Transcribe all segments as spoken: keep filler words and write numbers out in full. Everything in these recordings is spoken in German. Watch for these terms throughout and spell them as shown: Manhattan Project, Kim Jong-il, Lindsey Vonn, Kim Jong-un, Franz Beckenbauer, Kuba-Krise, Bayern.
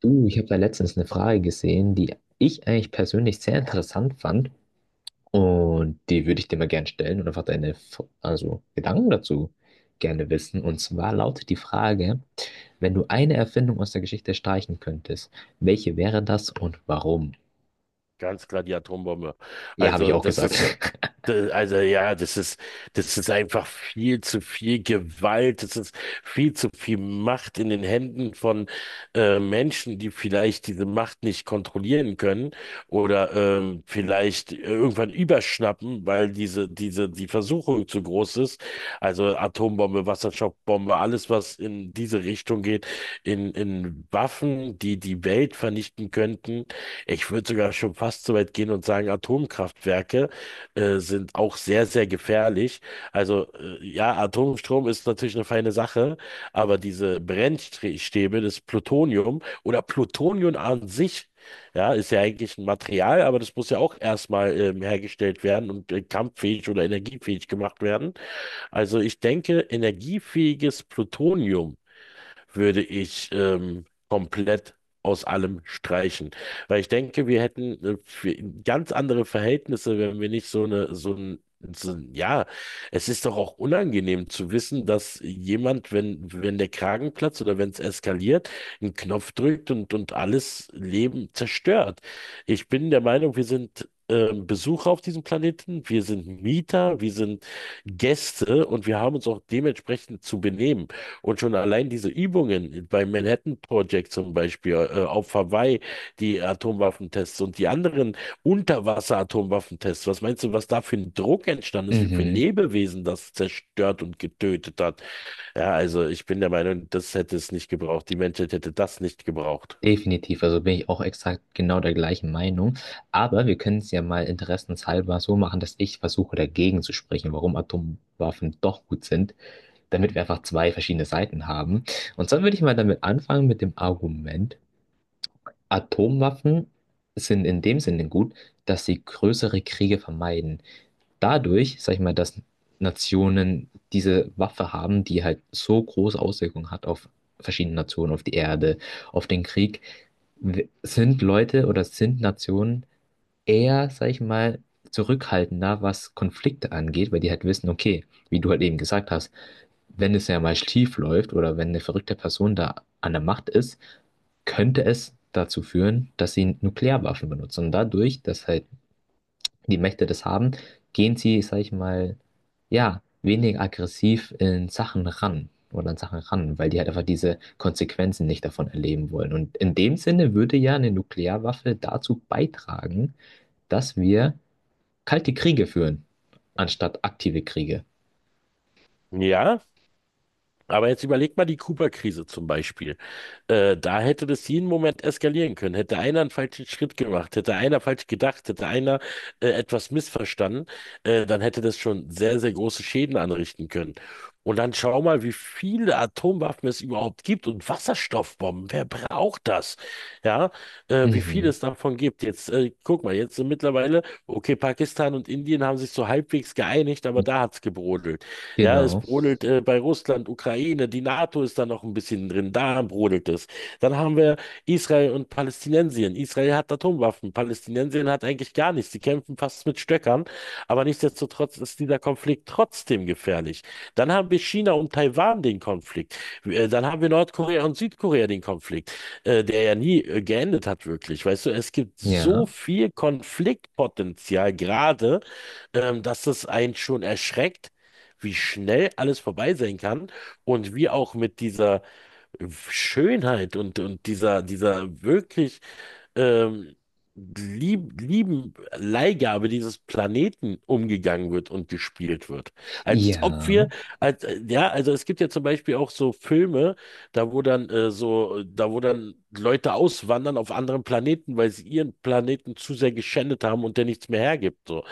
Du, ich habe da letztens eine Frage gesehen, die ich eigentlich persönlich sehr interessant fand, und die würde ich dir mal gerne stellen und einfach deine F- also Gedanken dazu gerne wissen. Und zwar lautet die Frage, wenn du eine Erfindung aus der Geschichte streichen könntest, welche wäre das und warum? Ganz klar die Atombombe. Ja, habe ich Also auch das gesagt. ist, d- also ja, das ist, das ist einfach viel zu viel Gewalt, das ist viel zu viel Macht in den Händen von äh, Menschen, die vielleicht diese Macht nicht kontrollieren können oder ähm, vielleicht irgendwann überschnappen, weil diese, diese, die Versuchung zu groß ist. Also Atombombe, Wasserstoffbombe, alles, was in diese Richtung geht, in, in Waffen, die die Welt vernichten könnten. Ich würde sogar schon fast so weit gehen und sagen, Atomkraftwerke äh, sind auch sehr, sehr gefährlich. Also äh, ja, Atomstrom ist natürlich eine feine Sache, aber diese Brennstäbe, das Plutonium oder Plutonium an sich, ja, ist ja eigentlich ein Material, aber das muss ja auch erstmal ähm, hergestellt werden und äh, kampffähig oder energiefähig gemacht werden. Also ich denke, energiefähiges Plutonium würde ich ähm, komplett aus allem streichen. Weil ich denke, wir hätten äh, für ganz andere Verhältnisse, wenn wir nicht so eine, so ein, so ein, ja, es ist doch auch unangenehm zu wissen, dass jemand, wenn, wenn der Kragen platzt oder wenn es eskaliert, einen Knopf drückt und, und alles Leben zerstört. Ich bin der Meinung, wir sind äh, Besucher auf diesem Planeten, wir sind Mieter, wir sind Gäste und wir haben uns auch dementsprechend zu benehmen. Und schon allein diese Übungen beim Manhattan Project zum Beispiel, äh, auf Hawaii, die Atomwaffentests und die anderen Unterwasser-Atomwaffentests, was meinst du, was da für ein Druck entstanden ist, wie viele Mhm, Lebewesen das zerstört und getötet hat? Ja, also ich bin der Meinung, das hätte es nicht gebraucht. Die Menschheit hätte das nicht gebraucht. definitiv, also bin ich auch exakt genau der gleichen Meinung. Aber wir können es ja mal interessenshalber so machen, dass ich versuche, dagegen zu sprechen, warum Atomwaffen doch gut sind. Damit wir einfach zwei verschiedene Seiten haben. Und zwar würde ich mal damit anfangen, mit dem Argument: Atomwaffen sind in dem Sinne gut, dass sie größere Kriege vermeiden. Dadurch, sag ich mal, dass Nationen diese Waffe haben, die halt so große Auswirkungen hat auf verschiedene Nationen, auf die Erde, auf den Krieg, w- sind Leute oder sind Nationen eher, sag ich mal, zurückhaltender, was Konflikte angeht, weil die halt wissen, okay, wie du halt eben gesagt hast, wenn es ja mal schief läuft oder wenn eine verrückte Person da an der Macht ist, könnte es dazu führen, dass sie Nuklearwaffen benutzen. Und dadurch, dass halt die Mächte das haben, gehen sie, sag ich mal, ja, weniger aggressiv in Sachen ran oder an Sachen ran, weil die halt einfach diese Konsequenzen nicht davon erleben wollen. Und in dem Sinne würde ja eine Nuklearwaffe dazu beitragen, dass wir kalte Kriege führen, anstatt aktive Kriege. Ja, aber jetzt überleg mal die Kuba-Krise zum Beispiel. Äh, da hätte das jeden Moment eskalieren können. Hätte einer einen falschen Schritt gemacht, hätte einer falsch gedacht, hätte einer äh, etwas missverstanden, äh, dann hätte das schon sehr, sehr große Schäden anrichten können. Und dann schau mal, wie viele Atomwaffen es überhaupt gibt und Wasserstoffbomben. Wer braucht das? Ja, äh, wie viel Mhm. es davon gibt. Jetzt äh, guck mal, jetzt sind mittlerweile. Okay, Pakistan und Indien haben sich so halbwegs geeinigt, aber da hat's gebrodelt. Ja, es Genau. brodelt äh, bei Russland, Ukraine, die NATO ist da noch ein bisschen drin, da brodelt es. Dann haben wir Israel und Palästinensien. Israel hat Atomwaffen, Palästinensien hat eigentlich gar nichts. Die kämpfen fast mit es mit Stöckern. Aber nichtsdestotrotz ist dieser Konflikt trotzdem gefährlich. Dann haben wir China und Taiwan den Konflikt. Äh, Dann haben wir Nordkorea und Südkorea den Konflikt, äh, der ja nie äh, geendet hat, wirklich. Weißt du, es gibt so Ja. viel Konfliktpotenzial gerade, ähm, dass es einen schon erschreckt, wie schnell alles vorbei sein kann und wie auch mit dieser Schönheit und, und dieser, dieser wirklich ähm, lieb, lieben Leihgabe dieses Planeten umgegangen wird und gespielt wird. Als ob wir, Ja, als, äh, ja, also es gibt ja zum Beispiel auch so Filme, da wo dann äh, so, da wo dann Leute auswandern auf anderen Planeten, weil sie ihren Planeten zu sehr geschändet haben und der nichts mehr hergibt. So.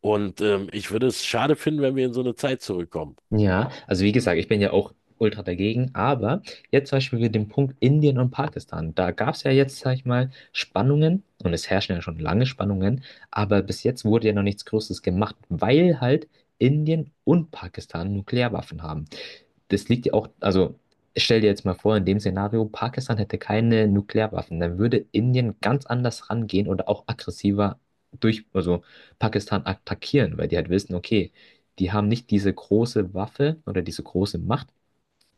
Und ähm, ich würde es schade finden, wenn wir in so eine Zeit zurückkommen. ja. Also, wie gesagt, ich bin ja auch ultra dagegen, aber jetzt zum Beispiel mit dem Punkt Indien und Pakistan: Da gab es ja jetzt, sag ich mal, Spannungen, und es herrschen ja schon lange Spannungen, aber bis jetzt wurde ja noch nichts Großes gemacht, weil halt Indien und Pakistan Nuklearwaffen haben. Das liegt ja auch, also stell dir jetzt mal vor, in dem Szenario, Pakistan hätte keine Nuklearwaffen, dann würde Indien ganz anders rangehen oder auch aggressiver durch, also Pakistan attackieren, weil die halt wissen, okay, die haben nicht diese große Waffe oder diese große Macht,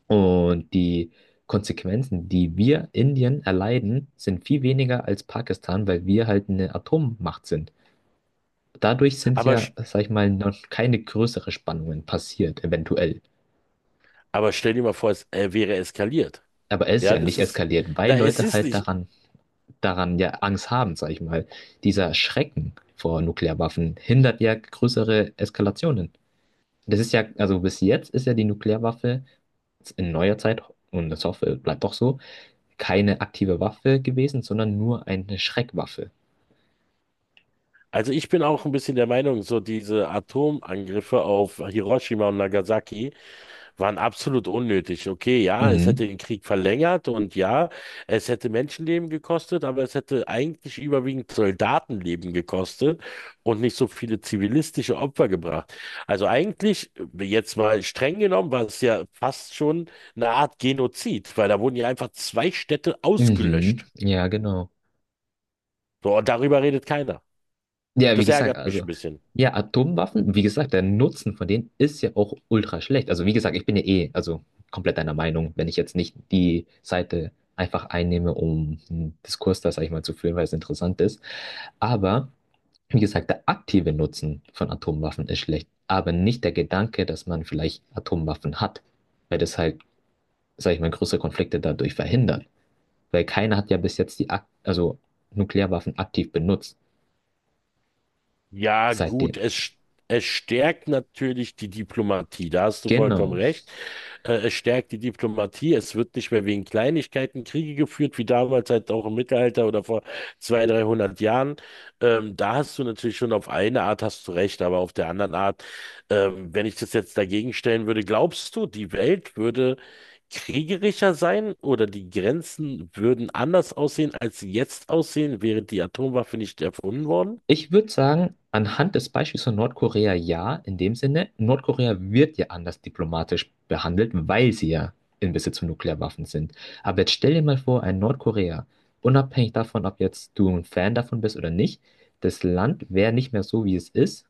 und die Konsequenzen, die wir Indien erleiden, sind viel weniger als Pakistan, weil wir halt eine Atommacht sind. Dadurch sind Aber, ja, sch- sag ich mal, noch keine größeren Spannungen passiert, eventuell. aber stell dir mal vor, es äh, wäre eskaliert. Aber es ist Ja, ja nicht das ist, eskaliert, weil na, es Leute ist halt nicht. daran, daran ja Angst haben, sag ich mal. Dieser Schrecken vor Nuklearwaffen hindert ja größere Eskalationen. Das ist ja, also bis jetzt ist ja die Nuklearwaffe in neuer Zeit, und das hoffe, es bleibt auch so, keine aktive Waffe gewesen, sondern nur eine Schreckwaffe. Also ich bin auch ein bisschen der Meinung, so diese Atomangriffe auf Hiroshima und Nagasaki waren absolut unnötig. Okay, ja, es Mhm. hätte den Krieg verlängert und ja, es hätte Menschenleben gekostet, aber es hätte eigentlich überwiegend Soldatenleben gekostet und nicht so viele zivilistische Opfer gebracht. Also eigentlich, jetzt mal streng genommen, war es ja fast schon eine Art Genozid, weil da wurden ja einfach zwei Städte Mhm. ausgelöscht. Ja, genau. So, und darüber redet keiner. Ja, wie Das gesagt, ärgert mich also, ein bisschen. ja, Atomwaffen, wie gesagt, der Nutzen von denen ist ja auch ultra schlecht. Also, wie gesagt, ich bin ja eh, also komplett deiner Meinung, wenn ich jetzt nicht die Seite einfach einnehme, um einen Diskurs da, sag ich mal, zu führen, weil es interessant ist. Aber, wie gesagt, der aktive Nutzen von Atomwaffen ist schlecht, aber nicht der Gedanke, dass man vielleicht Atomwaffen hat, weil das halt, sag ich mal, größere Konflikte dadurch verhindert. Weil keiner hat ja bis jetzt die, ak- also Nuklearwaffen aktiv benutzt, Ja, gut, seitdem. es, st- es stärkt natürlich die Diplomatie, da hast du vollkommen Genau. recht. Äh, es stärkt die Diplomatie, es wird nicht mehr wegen Kleinigkeiten Kriege geführt, wie damals halt auch im Mittelalter oder vor zweihundert, dreihundert Jahren. Ähm, da hast du natürlich schon auf eine Art hast du recht, aber auf der anderen Art, ähm, wenn ich das jetzt dagegen stellen würde, glaubst du, die Welt würde kriegerischer sein oder die Grenzen würden anders aussehen, als sie jetzt aussehen, wäre die Atomwaffe nicht erfunden worden? Ich würde sagen, anhand des Beispiels von Nordkorea, ja, in dem Sinne: Nordkorea wird ja anders diplomatisch behandelt, weil sie ja in Besitz von Nuklearwaffen sind. Aber jetzt stell dir mal vor, ein Nordkorea, unabhängig davon, ob jetzt du ein Fan davon bist oder nicht, das Land wäre nicht mehr so, wie es ist,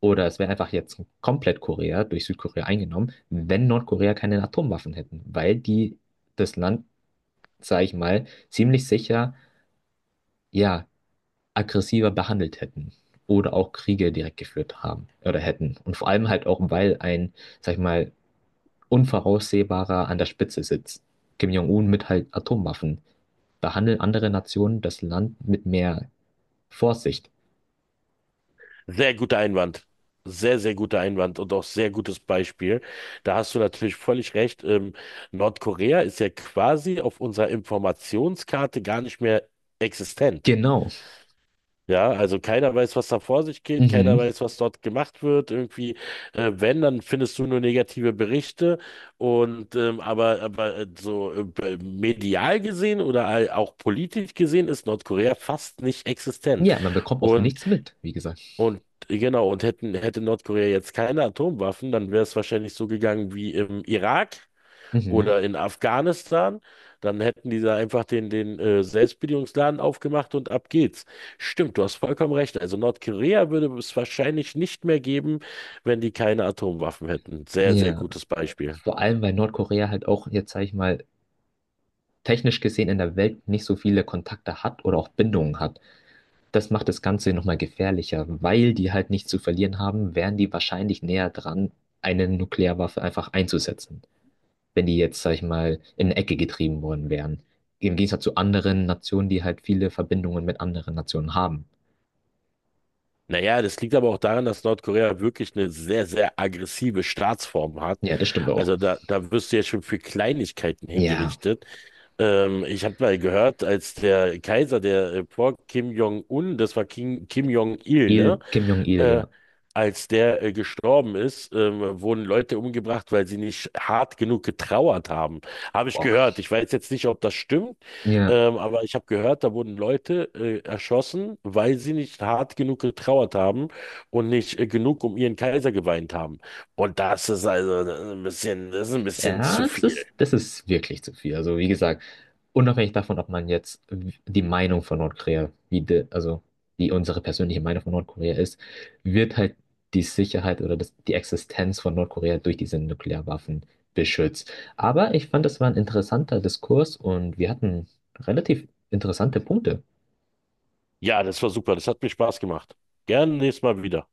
oder es wäre einfach jetzt komplett Korea durch Südkorea eingenommen, wenn Nordkorea keine Atomwaffen hätten, weil die das Land, sage ich mal, ziemlich sicher, ja, aggressiver behandelt hätten oder auch Kriege direkt geführt haben oder hätten. Und vor allem halt auch, weil ein, sag ich mal, unvoraussehbarer an der Spitze sitzt. Kim Jong-un mit halt Atomwaffen. Behandeln andere Nationen das Land mit mehr Vorsicht. Sehr guter Einwand. Sehr, sehr guter Einwand und auch sehr gutes Beispiel. Da hast du natürlich völlig recht. Ähm, Nordkorea ist ja quasi auf unserer Informationskarte gar nicht mehr existent. Genau. Ja, also keiner weiß, was da vor sich geht, keiner Mhm. weiß, was dort gemacht wird. Irgendwie, äh, wenn, dann findest du nur negative Berichte. Und ähm, aber, aber äh, so äh, b- medial gesehen oder all- auch politisch gesehen ist Nordkorea fast nicht existent. Ja, man bekommt auch nichts mit, wie gesagt. Und genau, und hätten, hätte Nordkorea jetzt keine Atomwaffen, dann wäre es wahrscheinlich so gegangen wie im Irak Mhm. oder in Afghanistan. Dann hätten die da einfach den, den äh, Selbstbedienungsladen aufgemacht und ab geht's. Stimmt, du hast vollkommen recht. Also Nordkorea würde es wahrscheinlich nicht mehr geben, wenn die keine Atomwaffen hätten. Sehr, sehr Ja. gutes Beispiel. Vor allem, weil Nordkorea halt auch jetzt, sag ich mal, technisch gesehen in der Welt nicht so viele Kontakte hat oder auch Bindungen hat. Das macht das Ganze nochmal gefährlicher, weil die halt nichts zu verlieren haben, wären die wahrscheinlich näher dran, eine Nuklearwaffe einfach einzusetzen, wenn die jetzt, sag ich mal, in eine Ecke getrieben worden wären. Im Gegensatz zu anderen Nationen, die halt viele Verbindungen mit anderen Nationen haben. Naja, das liegt aber auch daran, dass Nordkorea wirklich eine sehr, sehr aggressive Staatsform hat. Ja, das stimmt auch. Also da, da wirst du ja schon für Kleinigkeiten Ja, hingerichtet. Ähm, ich habe mal gehört, als der Kaiser, der äh, vor Kim Jong-un, das war Kim, Kim Jong-il, ne? Il, Kim Jong-il, ja. Äh, Als der äh, gestorben ist, ähm, wurden Leute umgebracht, weil sie nicht hart genug getrauert haben. Habe ich Boah. gehört. Ich weiß jetzt nicht, ob das stimmt, Ja. ähm, aber ich habe gehört, da wurden Leute äh, erschossen, weil sie nicht hart genug getrauert haben und nicht äh, genug um ihren Kaiser geweint haben. Und das ist also ein bisschen, das ist ein bisschen zu Ja, das viel. ist, das ist wirklich zu viel. Also, wie gesagt, unabhängig davon, ob man jetzt die Meinung von Nordkorea, wie de, also wie unsere persönliche Meinung von Nordkorea ist, wird halt die Sicherheit oder das, die Existenz von Nordkorea durch diese Nuklearwaffen beschützt. Aber ich fand, das war ein interessanter Diskurs, und wir hatten relativ interessante Punkte. Ja, das war super. Das hat mir Spaß gemacht. Gerne nächstes Mal wieder.